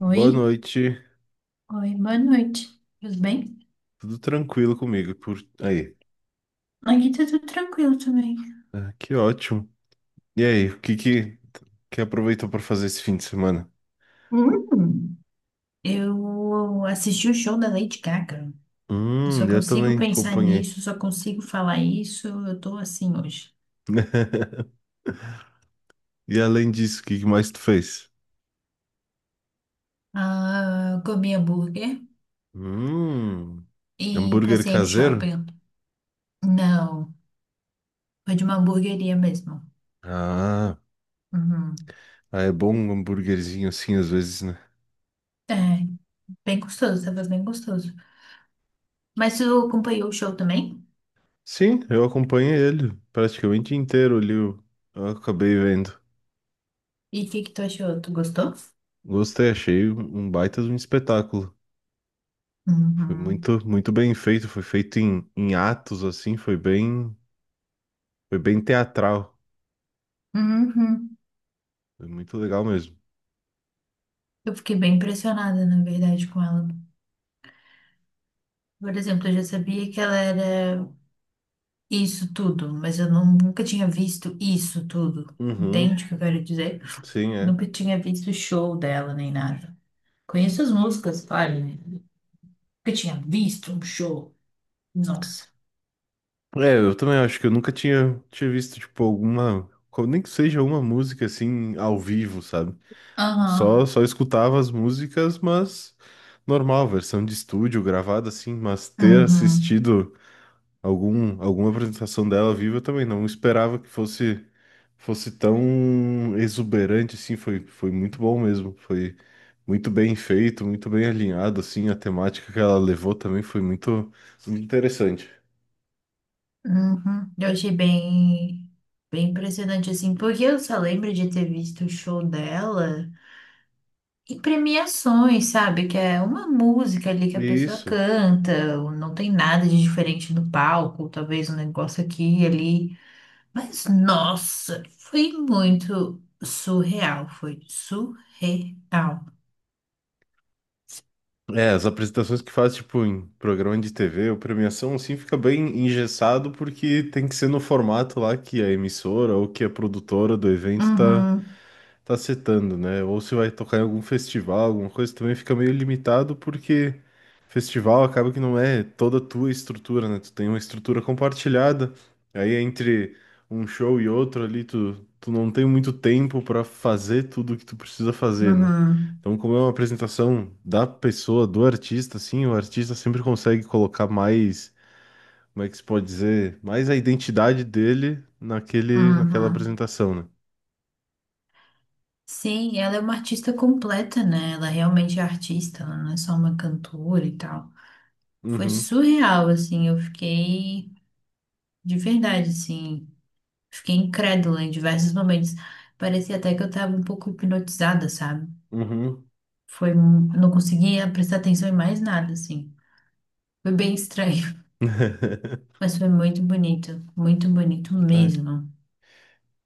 Oi, Boa noite. oi, boa noite. Tudo bem? Tudo tranquilo comigo por aí. Aqui tá tudo tranquilo também. Ah, que ótimo. E aí, o que que aproveitou para fazer esse fim de semana? Hum, eu assisti o show da Lady Gaga. Eu só Eu consigo também pensar acompanhei. nisso, só consigo falar isso. Eu tô assim hoje. E além disso, o que que mais tu fez? Ah, comi hambúrguer Hum, e hambúrguer passei no caseiro? shopping. Não, foi de uma hamburgueria mesmo. Ah, Uhum. ah, é bom um hambúrguerzinho assim às vezes, né? É, bem gostoso, tava bem gostoso. Mas tu acompanhou o show também? Sim, eu acompanhei ele praticamente inteiro ali. Eu acabei vendo. E o que que tu achou? Tu gostou? Gostei, achei um baita de um espetáculo. Foi Uhum. muito, muito bem feito, foi feito em atos, assim, foi bem teatral. Uhum. Foi muito legal mesmo. Eu fiquei bem impressionada, na verdade, com ela. Por exemplo, eu já sabia que ela era isso tudo, mas eu não- nunca tinha visto isso tudo. Uhum, Entende o que eu quero dizer? sim, é. Nunca tinha visto show dela nem nada. Conheço as músicas, claro, né? Nunca tinha visto um show. Nossa. É, eu também acho que eu nunca tinha visto, tipo, alguma, co- nem que seja uma música, assim, ao vivo, sabe? Só, Aham. só escutava as músicas, mas normal, versão de estúdio, gravada, assim, mas ter Uhum. assistido algum, alguma apresentação dela viva eu também. Não esperava que fosse tão exuberante assim. Foi, foi muito bom mesmo. Foi muito bem feito, muito bem alinhado assim. A temática que ela levou também foi muito, muito interessante. Uhum. Eu achei bem impressionante, assim, porque eu só lembro de ter visto o show dela. E premiações, sabe? Que é uma música ali que a pessoa Isso. canta, ou não tem nada de diferente no palco, talvez um negócio aqui e ali. Mas nossa, foi muito surreal, foi surreal. É, as apresentações que faz, tipo, em programa de TV ou premiação, assim, fica bem engessado porque tem que ser no formato lá que a emissora ou que a produtora do evento tá, Uhum, tá setando, né? Ou se vai tocar em algum festival, alguma coisa, também fica meio limitado porque festival acaba que não é toda a tua estrutura, né? Tu tem uma estrutura compartilhada, aí é entre um show e outro ali, tu não tem muito tempo pra fazer tudo o que tu precisa fazer, né? uhum, Então, como é uma apresentação da pessoa, do artista, assim, o artista sempre consegue colocar mais, como é que se pode dizer, mais a identidade dele naquele, naquela uhum. apresentação, né? Sim, ela é uma artista completa, né? Ela realmente é artista, ela não é só uma cantora e tal. Foi Uhum, surreal, assim, eu fiquei de verdade, assim. Fiquei incrédula em diversos momentos. Parecia até que eu tava um pouco hipnotizada, sabe? uhum. Não conseguia prestar atenção em mais nada, assim. Foi bem estranho, mas foi muito bonito Tá. mesmo.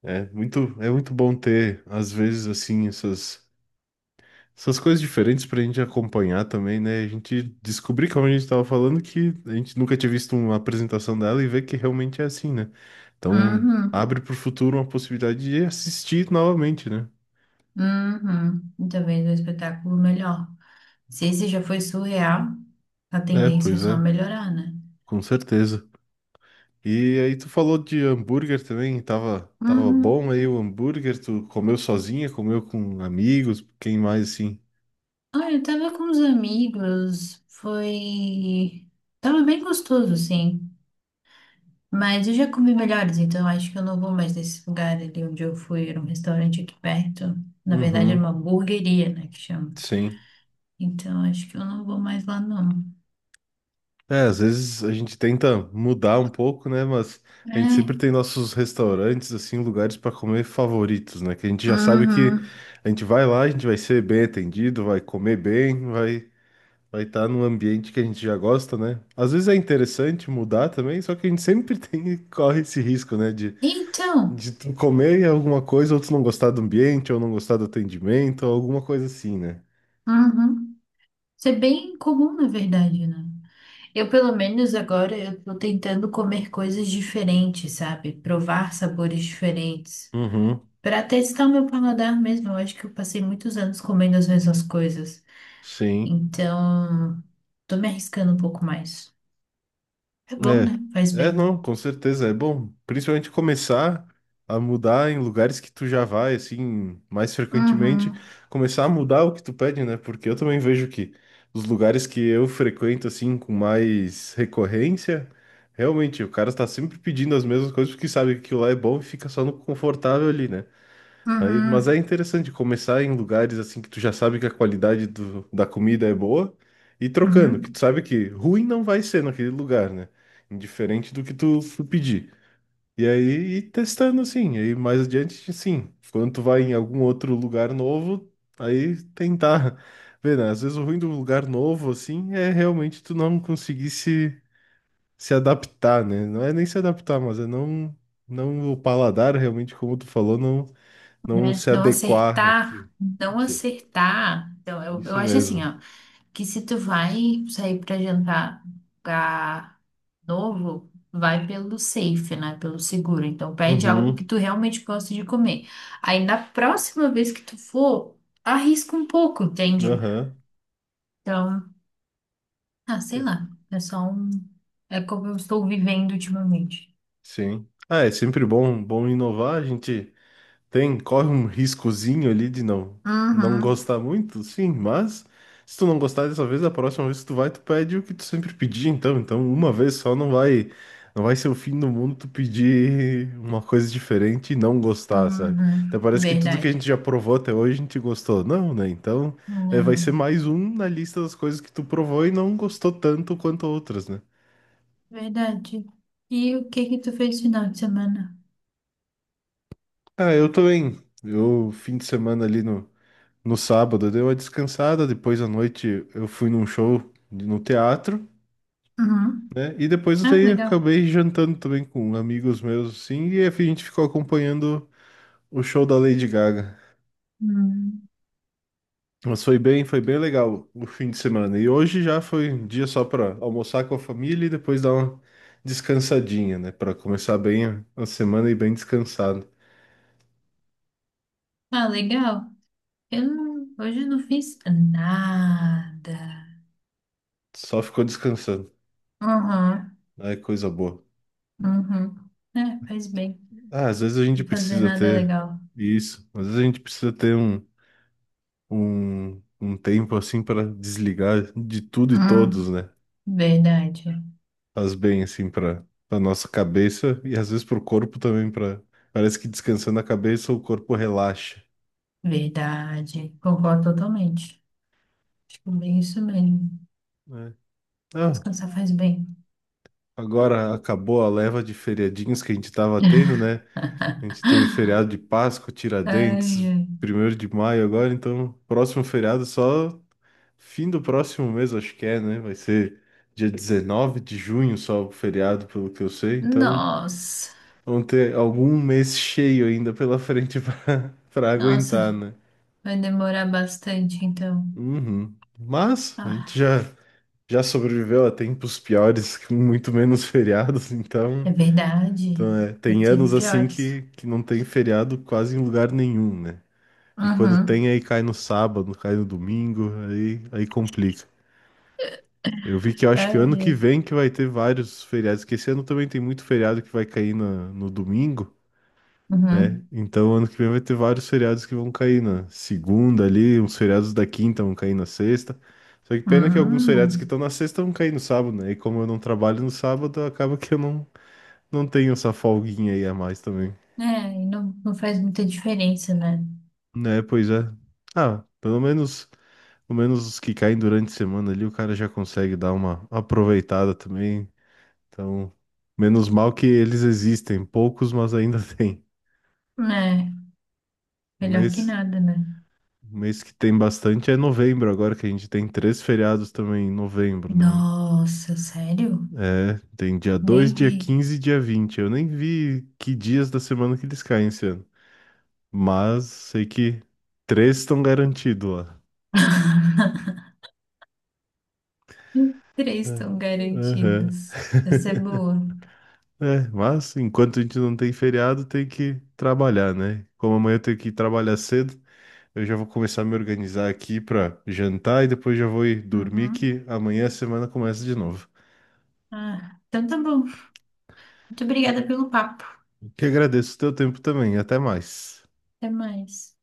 É muito bom ter, às vezes, assim, essas, essas coisas diferentes pra gente acompanhar também, né? A gente descobrir, como a gente tava falando, que a gente nunca tinha visto uma apresentação dela e ver que realmente é assim, né? Então, Uhum, abre pro futuro uma possibilidade de assistir novamente, né? uhum. E talvez um espetáculo melhor. Se esse já foi surreal, a É, tendência é pois só é, melhorar, né? com certeza. E aí tu falou de hambúrguer também, tava, tava Uhum. bom aí o hambúrguer, tu comeu sozinha, comeu com amigos, quem mais assim? Ah, eu tava com os amigos, foi... Tava bem gostoso, assim. Mas eu já comi melhores, então acho que eu não vou mais nesse lugar ali onde eu fui. Era um restaurante aqui perto. Na verdade, era uma Uhum, hamburgueria, né, que chama. sim. Então acho que eu não vou mais lá, não. É, às vezes a gente tenta mudar um pouco, né? Mas a gente sempre É. tem nossos restaurantes, assim, lugares para comer favoritos, né? Que a gente já sabe que Uhum. a gente vai lá, a gente vai ser bem atendido, vai comer bem, vai estar num ambiente que a gente já gosta, né? Às vezes é interessante mudar também, só que a gente sempre tem corre esse risco, né? Então, De tu comer alguma coisa, ou tu não gostar do ambiente, ou não gostar do atendimento, ou alguma coisa assim, né? uhum. Isso é bem comum, na verdade, né? Eu, pelo menos agora, eu tô tentando comer coisas diferentes, sabe? Provar sabores diferentes. Uhum, Pra testar o meu paladar mesmo. Eu acho que eu passei muitos anos comendo as mesmas coisas. sim. Então, tô me arriscando um pouco mais. É bom, É, né? Faz é bem. não, com certeza é bom, principalmente começar a mudar em lugares que tu já vai, assim, mais frequentemente, Uhum, começar a mudar o que tu pede, né? Porque eu também vejo que os lugares que eu frequento, assim, com mais recorrência, realmente o cara tá sempre pedindo as mesmas coisas porque sabe que aquilo lá é bom e fica só no confortável ali, né? Aí, mas é uhum, interessante começar em lugares assim que tu já sabe que a qualidade do- da comida é boa e trocando, que tu uhum. sabe que ruim não vai ser naquele lugar, né? Indiferente do que tu pedir. E aí, ir testando assim, aí mais adiante, sim. Quando tu vai em algum outro lugar novo, aí tentar ver, né? Às vezes o ruim do lugar novo, assim, é realmente tu não conseguir se adaptar, né? Não é nem se adaptar, mas é não, não o paladar realmente, como tu falou, não não se Não adequar acertar, àquilo. não Isso, acertar. Então, eu isso acho assim, mesmo. ó, que se tu vai sair pra jantar pra novo, vai pelo safe, né? Pelo seguro. Então, pede algo que Uhum, tu realmente gosta de comer. Aí, na próxima vez que tu for, arrisca um pouco, entende? aham, Então, ah, sei é, lá. É só um. É como eu estou vivendo ultimamente. sim. Ah, é sempre bom, bom inovar, a gente tem, corre um riscozinho ali de não não Uhum. gostar muito, sim, mas se tu não gostar dessa vez, a próxima vez que tu vai, tu pede o que tu sempre pedia, então, então uma vez só não vai não vai ser o fim do mundo tu pedir uma coisa diferente e não gostar, sabe? Até Uhum. parece que tudo que a Verdade. gente já provou até hoje a gente gostou, não, né? Então, é, vai ser Não, mais um na lista das coisas que tu provou e não gostou tanto quanto outras, né? verdade. E o que que tu fez no final de semana? Ah, eu também. Eu fim de semana ali no sábado, deu uma descansada, depois à noite eu fui num show de- no teatro, Uhum. né? E depois Ah, daí eu daí legal. acabei jantando também com amigos meus, assim, e a gente ficou acompanhando o show da Lady Gaga. Hum. Mas foi bem legal o fim de semana. E hoje já foi um dia só para almoçar com a família e depois dar uma descansadinha, né? Para começar bem a semana e bem descansado. Ah, legal. Eu não, hoje eu não fiz nada. Só ficou descansando. Uhum. É coisa boa. Uhum. É, faz bem. Ah, às vezes a gente Não fazer precisa nada é ter legal. isso. Às vezes a gente precisa ter um tempo assim para desligar de tudo e todos, Hum. né? Verdade. Faz bem assim para a nossa cabeça e às vezes para o corpo também, para parece que descansando a cabeça o corpo relaxa, Verdade. Concordo totalmente. Acho que é bem isso mesmo. né? Ah, Descansar faz bem. agora acabou a leva de feriadinhos que a gente estava tendo, Ai, né? A gente teve feriado de Páscoa, Tiradentes, ai. primeiro de maio agora, então próximo feriado só fim do próximo mês, acho que é, né? Vai ser dia 19 de junho só o feriado, pelo que eu sei. Então, Nossa, vão ter algum mês cheio ainda pela frente pra nossa, aguentar, né? vai demorar bastante, então. Uhum. Mas a gente Ah, já sobreviveu a tempos piores, com muito menos feriados, é então, verdade. então é, Eu tem anos tive assim piores. que não tem feriado quase em lugar nenhum, né? E quando tem, Uhum. aí cai no sábado, cai no domingo, aí complica. Eu vi que eu acho Ai, que ano que ai. vem que vai ter vários feriados, que esse ano também tem muito feriado que vai cair no domingo, né? Uhum. Então, ano que vem vai ter vários feriados que vão cair na segunda ali, uns feriados da quinta vão cair na sexta. Só que pena que alguns feriados que Hum. estão na sexta vão cair no sábado, né? E como eu não trabalho no sábado, acaba que eu não tenho essa folguinha aí a mais também. É, e não, não faz muita diferença, né? Né, pois é. Ah, pelo menos os que caem durante a semana ali, o cara já consegue dar uma aproveitada também. Então, menos mal que eles existem, poucos, mas ainda tem. É, Um melhor que mês nada, né? O mês que tem bastante é novembro, agora que a gente tem três feriados também em novembro, né? Nossa, sério? É, tem dia dois, Nem dia vi. 15 e dia vinte. Eu nem vi que dias da semana que eles caem esse ano. Mas sei que três estão garantidos lá. Três É, estão aham. garantidos. Essa é boa. É, mas enquanto a gente não tem feriado, tem que trabalhar, né? Como amanhã eu tenho que trabalhar cedo, eu já vou começar a me organizar aqui para jantar e depois já vou ir dormir, Uhum. que amanhã a semana começa de novo. Ah, então tá bom. Muito obrigada pelo papo. Que agradeço o teu tempo também. Até mais. Até mais.